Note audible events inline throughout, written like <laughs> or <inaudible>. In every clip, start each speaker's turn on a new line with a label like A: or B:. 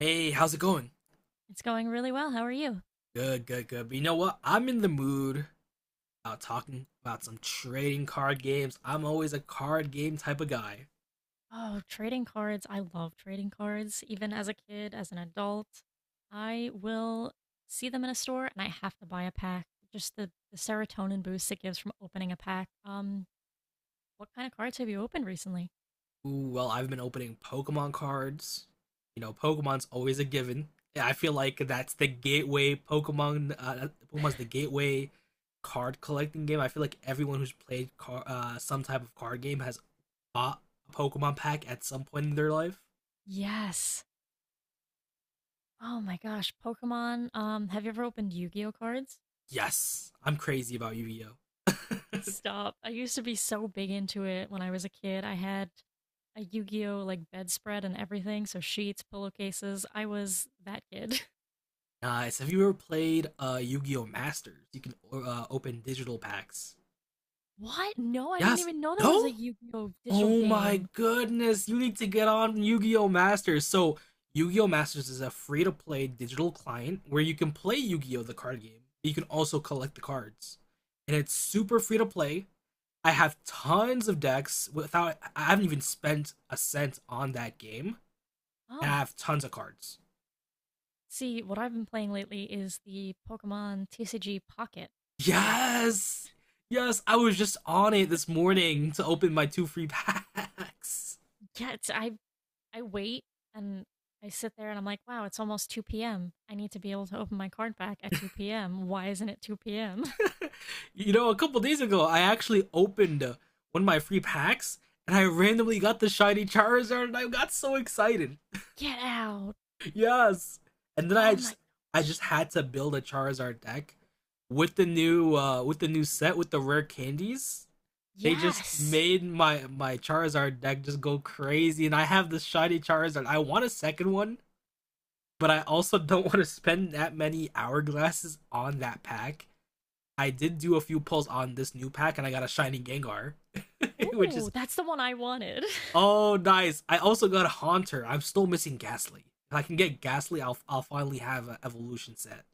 A: Hey, how's it going?
B: It's going really well. How are you?
A: Good, good, good. But you know what? I'm in the mood about talking about some trading card games. I'm always a card game type of guy.
B: Oh, trading cards. I love trading cards. Even as a kid, as an adult, I will see them in a store and I have to buy a pack. Just the serotonin boost it gives from opening a pack. What kind of cards have you opened recently?
A: Ooh, well, I've been opening Pokemon cards. You know, Pokemon's always a given. Yeah, I feel like that's the gateway Pokemon. Pokemon's the gateway card collecting game. I feel like everyone who's played some type of card game has bought a Pokemon pack at some point in their life.
B: Yes. Oh my gosh, Pokemon. Have you ever opened Yu-Gi-Oh cards?
A: Yes, I'm crazy about Yu Gi Oh. <laughs>
B: Stop. I used to be so big into it when I was a kid. I had a Yu-Gi-Oh like bedspread and everything, so sheets, pillowcases. I was that kid. <laughs>
A: Nice. Have you ever played Yu-Gi-Oh Masters? You can open digital packs.
B: What? No, I didn't
A: Yes.
B: even know there
A: No?
B: was a Yu-Gi-Oh! Digital
A: Oh my
B: game.
A: goodness. You need to get on Yu-Gi-Oh Masters. So, Yu-Gi-Oh Masters is a free-to-play digital client where you can play Yu-Gi-Oh the card game. But you can also collect the cards. And it's
B: S-
A: super free to play. I have tons of decks without I haven't even spent a cent on that game. And I
B: Oh,
A: have tons of cards.
B: see, what I've been playing lately is the Pokemon TCG Pocket game.
A: Yes, yes, I was just on it this morning to open my two free packs.
B: Yeah, it's, I wait and I sit there and I'm like, wow, it's almost 2 p.m. I need to be able to open my card back at 2 p.m. Why isn't it 2 p.m.?
A: <laughs> You know, a couple days ago, I actually opened one of my free packs, and I randomly got the shiny Charizard and I got so excited.
B: <laughs> Get out.
A: Yes. And then I
B: Oh my
A: just I just
B: gosh.
A: had to build a Charizard deck with the new set with the rare candies. They just
B: Yes.
A: made my Charizard deck just go crazy and I have this shiny Charizard. I want a second one, but I also <laughs> don't want to spend that many hourglasses on that pack. I did do a few pulls on this new pack and I got a shiny Gengar, <laughs> which
B: Ooh,
A: is
B: that's the one I wanted. <laughs>
A: oh, nice. I also got a Haunter. I'm still missing Ghastly. If I can get Ghastly, I'll finally have an evolution set.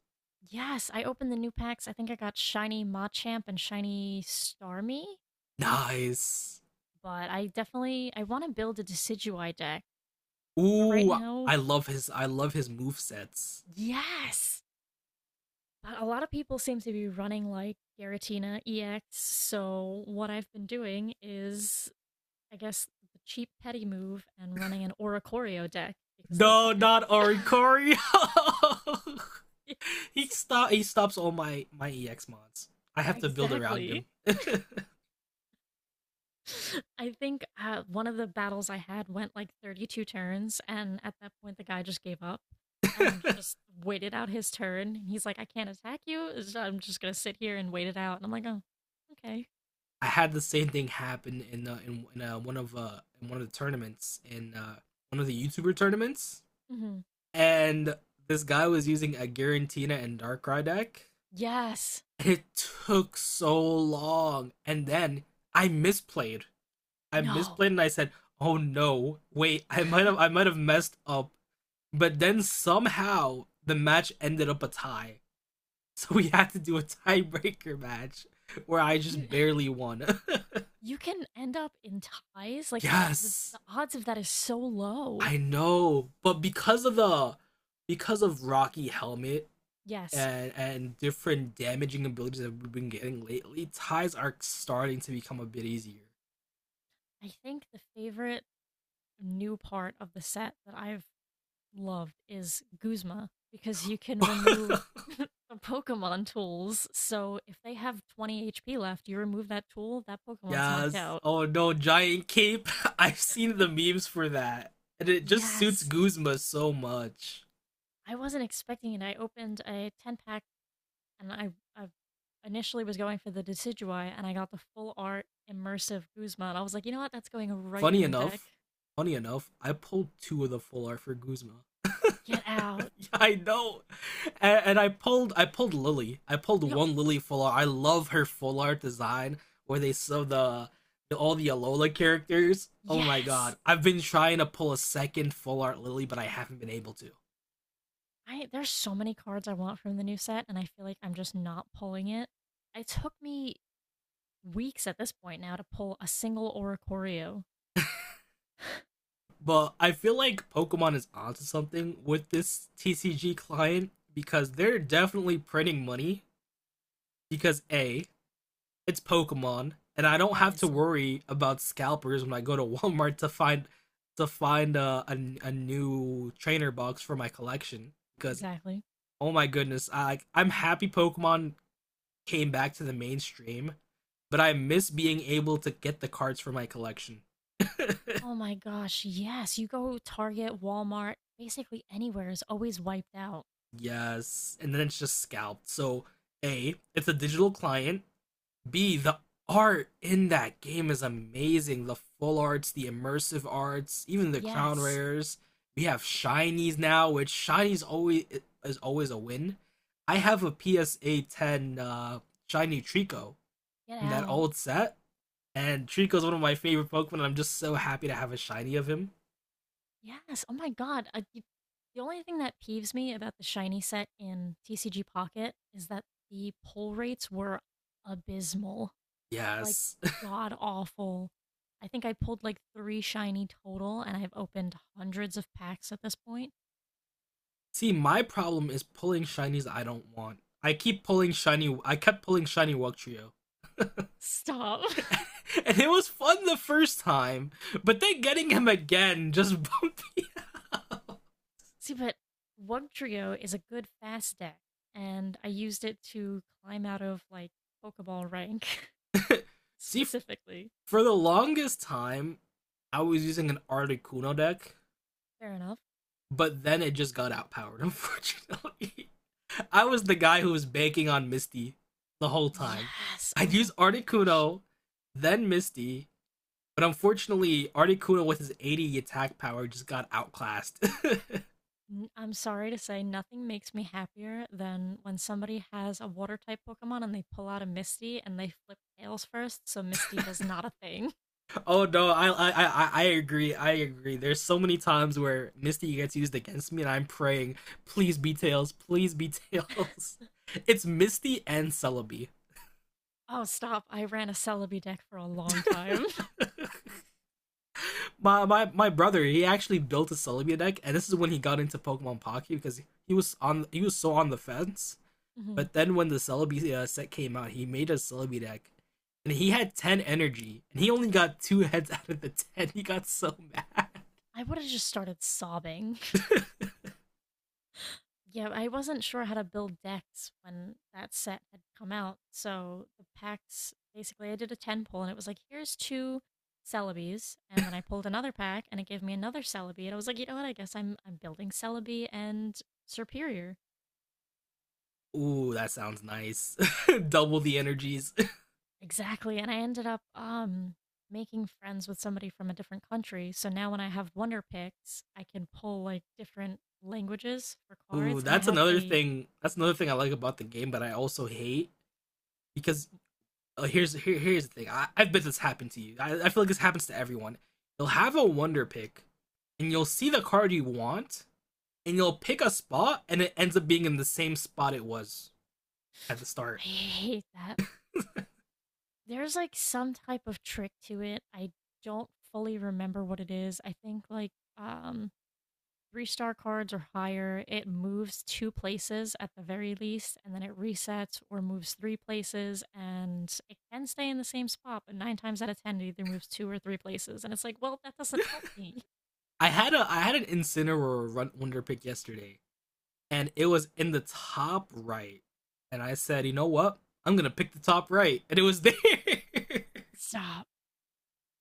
B: Yes, I opened the new packs. I think I got shiny Machamp and shiny Starmie.
A: Nice.
B: But I definitely, I want to build a Decidueye deck. But right
A: Ooh,
B: now,
A: I love his move sets.
B: yes, but a lot of people seem to be running like Garatina EX. So what I've been doing is, I guess, the cheap petty move and running an Oracorio deck because they
A: No, not
B: can't.
A: Orikori.
B: <laughs> Yes,
A: <laughs> He stops all my EX mods. I have to build around
B: exactly.
A: him.
B: <laughs> I think one of the battles I had went like 32 turns, and at that point, the guy just gave up and
A: <laughs>
B: just waited out his turn. He's like, I can't attack you. So I'm just going to sit here and wait it out. And I'm like, oh, okay.
A: I had the same thing happen in one of in one of the tournaments in one of the YouTuber tournaments,
B: Hmm.
A: and this guy was using a Garantina and Darkrai deck.
B: Yes.
A: It took so long, and then I misplayed. I
B: No.
A: misplayed, and I said, "Oh no, wait! I might have messed up." But then somehow the match ended up a tie, <laughs> so we had to do a tiebreaker match where I
B: You
A: just barely won.
B: you can end up in ties.
A: <laughs>
B: Like, the,
A: Yes,
B: the odds of that is so low.
A: I know, but because of Rocky Helmet
B: Yes.
A: and different damaging abilities that we've been getting lately, ties are starting to become a bit easier.
B: I think the favorite new part of the set that I've loved is Guzma because you can remove
A: <laughs>
B: <laughs> the Pokemon tools. So if they have 20 HP left, you remove that tool, that Pokemon's knocked
A: Yes.
B: out.
A: Oh no, giant cape. <laughs> I've seen the
B: <laughs>
A: memes for that. And it just suits
B: Yes.
A: Guzma so much.
B: I wasn't expecting it. I opened a 10 pack and I initially was going for the Decidueye and I got the full art immersive Guzma. And I was like, you know what? That's going right
A: Funny
B: in a deck.
A: enough, funny enough, I pulled two of the full art for Guzma.
B: Get out.
A: <laughs> I know, and I pulled Lily. I pulled
B: Yo,
A: one Lily full art. I love her full art design where they sew the all the Alola characters. Oh my
B: yes.
A: god, I've been trying to pull a second full art Lily, but I haven't been able to.
B: I There's so many cards I want from the new set and I feel like I'm just not pulling it. It took me weeks at this point now to pull a single Oricorio. <laughs>
A: But I
B: Yeah,
A: feel like Pokemon is onto something with this TCG client because they're definitely printing money. Because it's Pokemon, and I don't have to
B: obviously.
A: worry about scalpers when I go to <laughs> Walmart to find a new trainer box for my collection because
B: Exactly.
A: oh my goodness, I'm happy Pokemon came back to the mainstream, but I miss being able to get the cards for my collection.
B: Oh my gosh, yes. You go Target, Walmart, basically anywhere is always wiped out.
A: <laughs> Yes, and then it's just scalped. So, A, it's a digital client, B, the art in that game is amazing. The full arts, the immersive arts, even the crown
B: Yes.
A: rares. We have shinies now, which shinies always is always a win. I have a PSA 10 shiny Trico
B: Get
A: from that
B: out.
A: old set, and Trico's one of my favorite Pokemon. And I'm just so happy to have a shiny of him.
B: Yes. Oh my god. The only thing that peeves me about the shiny set in TCG Pocket is that the pull rates were abysmal. Like
A: Yes.
B: god awful. I think I pulled like 3 shiny total and I've opened hundreds of packs at this point.
A: <laughs> See, my problem is pulling shinies I don't want. I keep pulling shiny. I kept pulling shiny Trio
B: Stop.
A: <laughs> and it was fun the first time, but then getting him again just <laughs> bumped me.
B: <laughs> See, but Wug Trio is a good fast deck, and I used it to climb out of like Pokeball rank, <laughs>
A: See,
B: specifically.
A: for the longest time, I was using an Articuno deck,
B: Fair enough.
A: but then it just got outpowered, unfortunately. <laughs> I was the guy who was banking on Misty the whole time.
B: Yes.
A: I'd
B: Oh
A: use
B: my gosh.
A: Articuno, then Misty, but unfortunately, Articuno with his 80 attack power just got outclassed. <laughs>
B: I'm sorry to say, nothing makes me happier than when somebody has a water type Pokemon and they pull out a Misty and they flip tails first, so Misty does not a thing.
A: Oh no, I agree. I agree. There's so many times where Misty gets used against me, and I'm praying, please be tails, please be tails. <laughs> It's Misty and Celebi.
B: Oh, stop. I ran a Celebi deck for a long time. <laughs>
A: <laughs> My brother, he actually built a Celebi deck, and this is when he got into Pokemon Pocky because he was so on the fence.
B: Mhm.
A: But then when the Celebi set came out, he made a Celebi deck, and he had 10 energy, and he only got two <laughs> heads out of the 10. He got so <laughs> mad.
B: I would have just started sobbing. Yeah, I wasn't sure how to build decks when that set had come out. So the packs basically I did a 10 pull and it was like, here's two Celebes, and then I pulled another pack and it gave me another Celebi, and I was like, you know what, I guess I'm building Celebi and Superior.
A: Ooh, that sounds nice. <laughs> Double the energies.
B: Exactly. And I ended up making friends with somebody from a different country. So now when I have wonder picks, I can pull like different languages for
A: <laughs> Ooh,
B: cards and I
A: that's
B: have
A: another
B: a
A: thing. That's another thing I like about the game, but I also hate because oh, here's the thing. I bet this happened to you. I feel like this happens to everyone. You'll have a wonder pick, and you'll see the card you want, and you'll pick a spot, and it ends up being in the same spot it was at the start.
B: I hate that. There's, like, some type of trick to it. I don't fully remember what it is. I think, like, um, 3-star cards or higher, it moves 2 places at the very least, and then it resets or moves 3 places, and it can stay in the same spot, but 9 times out of 10, it either moves 2 or 3 places. And it's like, well, that doesn't help me.
A: I had an Incineroar wonder pick yesterday, and it was in the top right. And I said, you know what? I'm gonna pick the top right, and it was there. <laughs>
B: Stop.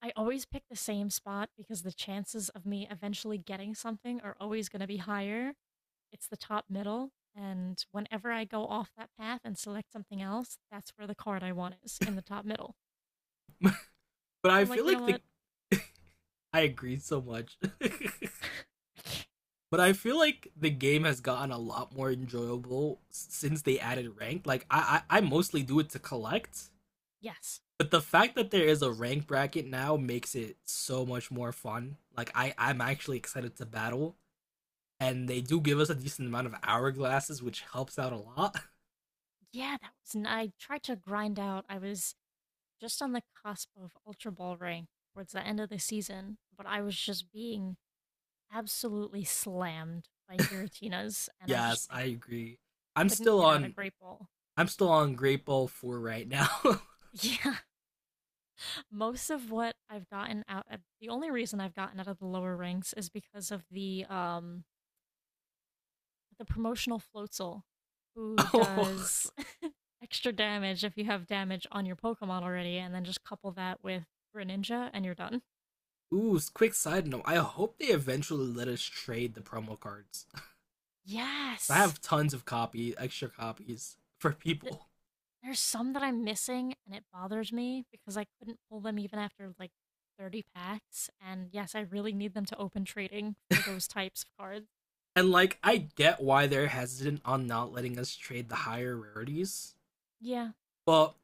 B: I always pick the same spot because the chances of me eventually getting something are always going to be higher. It's the top middle. And whenever I go off that path and select something else, that's where the card I want is in the top middle.
A: but
B: And
A: I
B: I'm
A: feel
B: like, you know
A: like the
B: what?
A: <laughs> I agreed so much.
B: <laughs>
A: <laughs> But I
B: Yes.
A: feel like the game has gotten a lot more enjoyable since they added ranked. Like I mostly do it to collect,
B: Yes.
A: but the fact that there is a rank bracket now makes it so much more fun. Like I'm actually excited to battle, and they do give us a decent amount of hourglasses, which helps out a lot.
B: Yeah, that was. I tried to grind out. I was just on the cusp of Ultra Ball rank towards the end of the season, but I was just being absolutely slammed by Giratinas, and I just,
A: Yes,
B: I
A: I agree. I'm
B: couldn't
A: still
B: get out of
A: on.
B: Great Ball.
A: I'm still on Great Ball Four right now. <laughs>
B: <laughs> Yeah. Most of what I've gotten out the only reason I've gotten out of the lower ranks is because of the promotional floatzel who
A: Oh,
B: does <laughs> extra damage if you have damage on your Pokemon already and then just couple that with Greninja and you're done.
A: ooh! Quick side note: I hope they eventually let us trade the promo cards. I
B: Yes.
A: have tons of extra copies for
B: Th-
A: people.
B: There's some that I'm missing and it bothers me because I couldn't pull them even after like 30 packs, and yes, I really need them to open trading for those types of cards.
A: And like, I get why they're hesitant on not letting us trade the higher rarities,
B: Yeah,
A: but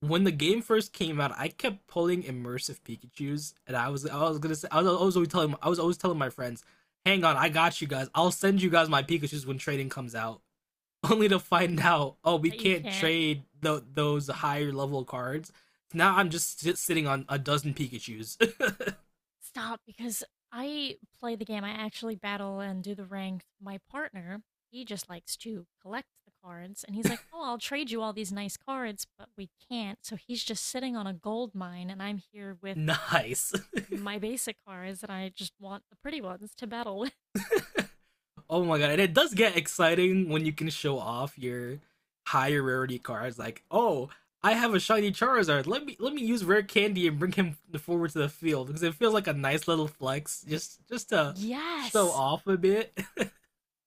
A: when the game first came out, I kept pulling immersive Pikachu's, and I was gonna say I was always telling my friends, "Hang on, I got you guys. I'll send you guys my Pikachu's when trading comes out." <laughs> Only to find out, oh, we
B: that you
A: can't
B: can't.
A: trade those higher level cards. Now I'm just sitting on a dozen Pikachu's.
B: Stop, because I play the game. I actually battle and do the ranked. My partner, he just likes to collect the cards, and he's like, "Oh, I'll trade you all these nice cards," but we can't. So he's just sitting on a gold mine, and I'm here
A: <laughs>
B: with
A: Nice.
B: my basic cards, and I just want the pretty ones to battle with.
A: Oh my god, and it does get exciting when you can show off your higher rarity cards. Like, oh, I have a shiny Charizard. Let me use rare candy and bring him forward to the field because it feels like a nice little flex, just
B: <laughs>
A: to show
B: Yes.
A: off a bit.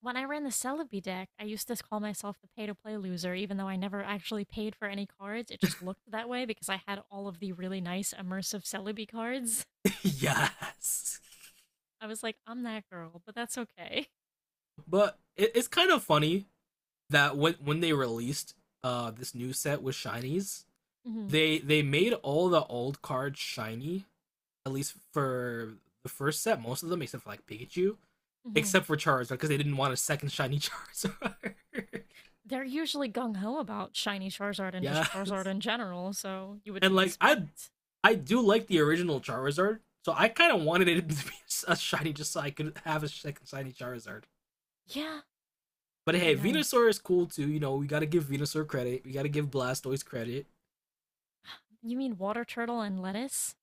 B: When I ran the Celebi deck, I used to call myself the pay to play loser, even though I never actually paid for any cards. It just looked that way because I had all of the really nice immersive Celebi cards.
A: <laughs> Yes,
B: I was like, I'm that girl, but that's okay.
A: but it's kind of funny that when they released this new set with shinies,
B: Hmm.
A: they made all the old cards shiny, at least for the first set, most of them except for like Pikachu,
B: Hmm.
A: except for Charizard because they didn't want a second shiny Charizard.
B: They're usually gung ho about shiny Charizard
A: <laughs>
B: and just Charizard
A: Yes,
B: in general, so you would
A: and like I,
B: expect.
A: I do like the original Charizard, so I kind of wanted it <laughs> to be a shiny just so I could have a second shiny Charizard.
B: Yeah, it
A: But
B: would be
A: hey,
B: nice.
A: Venusaur is cool too. You know, we gotta give Venusaur credit. We gotta give Blastoise credit.
B: You mean water turtle and lettuce?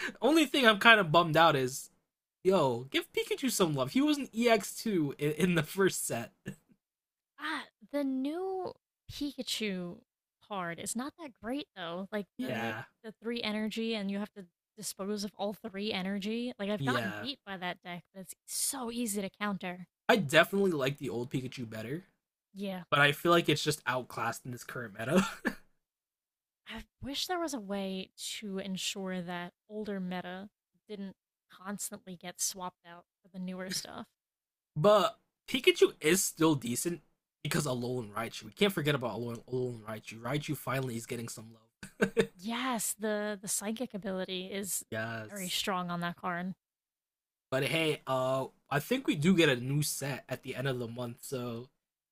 A: The only thing I'm kind of bummed out is, yo, give Pikachu some love. He was an EX2 in the first set.
B: Ah, the new Pikachu card is not that great though. Like the
A: Yeah,
B: the three energy, and you have to dispose of all three energy. Like I've gotten
A: yeah.
B: beat by that deck, but it's so easy to counter.
A: I definitely like the old Pikachu better,
B: Yeah,
A: but I feel like it's just outclassed in this current meta.
B: I wish there was a way to ensure that older meta didn't constantly get swapped out for the newer stuff.
A: But Pikachu is still decent because Alolan Raichu. We can't forget about Alolan Raichu. Raichu finally is getting some love.
B: Yes, the psychic ability is very
A: Yes.
B: strong on that card.
A: But hey, I think we do get a new set at the end of the month. So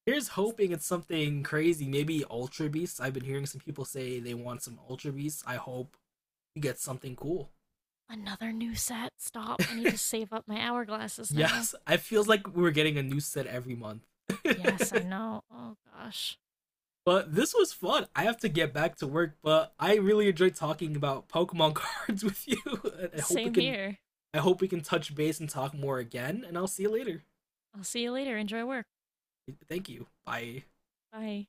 A: here's hoping it's something crazy. Maybe Ultra Beasts. I've been hearing some people say they want some Ultra Beasts. I hope we get something cool.
B: Another new set. Stop. I need to save up my hourglasses now.
A: Yes, it feels like we're getting a new set every month.
B: Yes, I
A: <laughs>
B: know. Oh gosh.
A: But this was fun. I have to get back to work, but I really enjoyed talking about Pokemon <laughs> cards with you. <laughs> I hope we
B: Same
A: can
B: here.
A: I hope we can touch base and talk more again, and I'll see you later.
B: I'll see you later. Enjoy work.
A: Thank you. Bye.
B: Bye.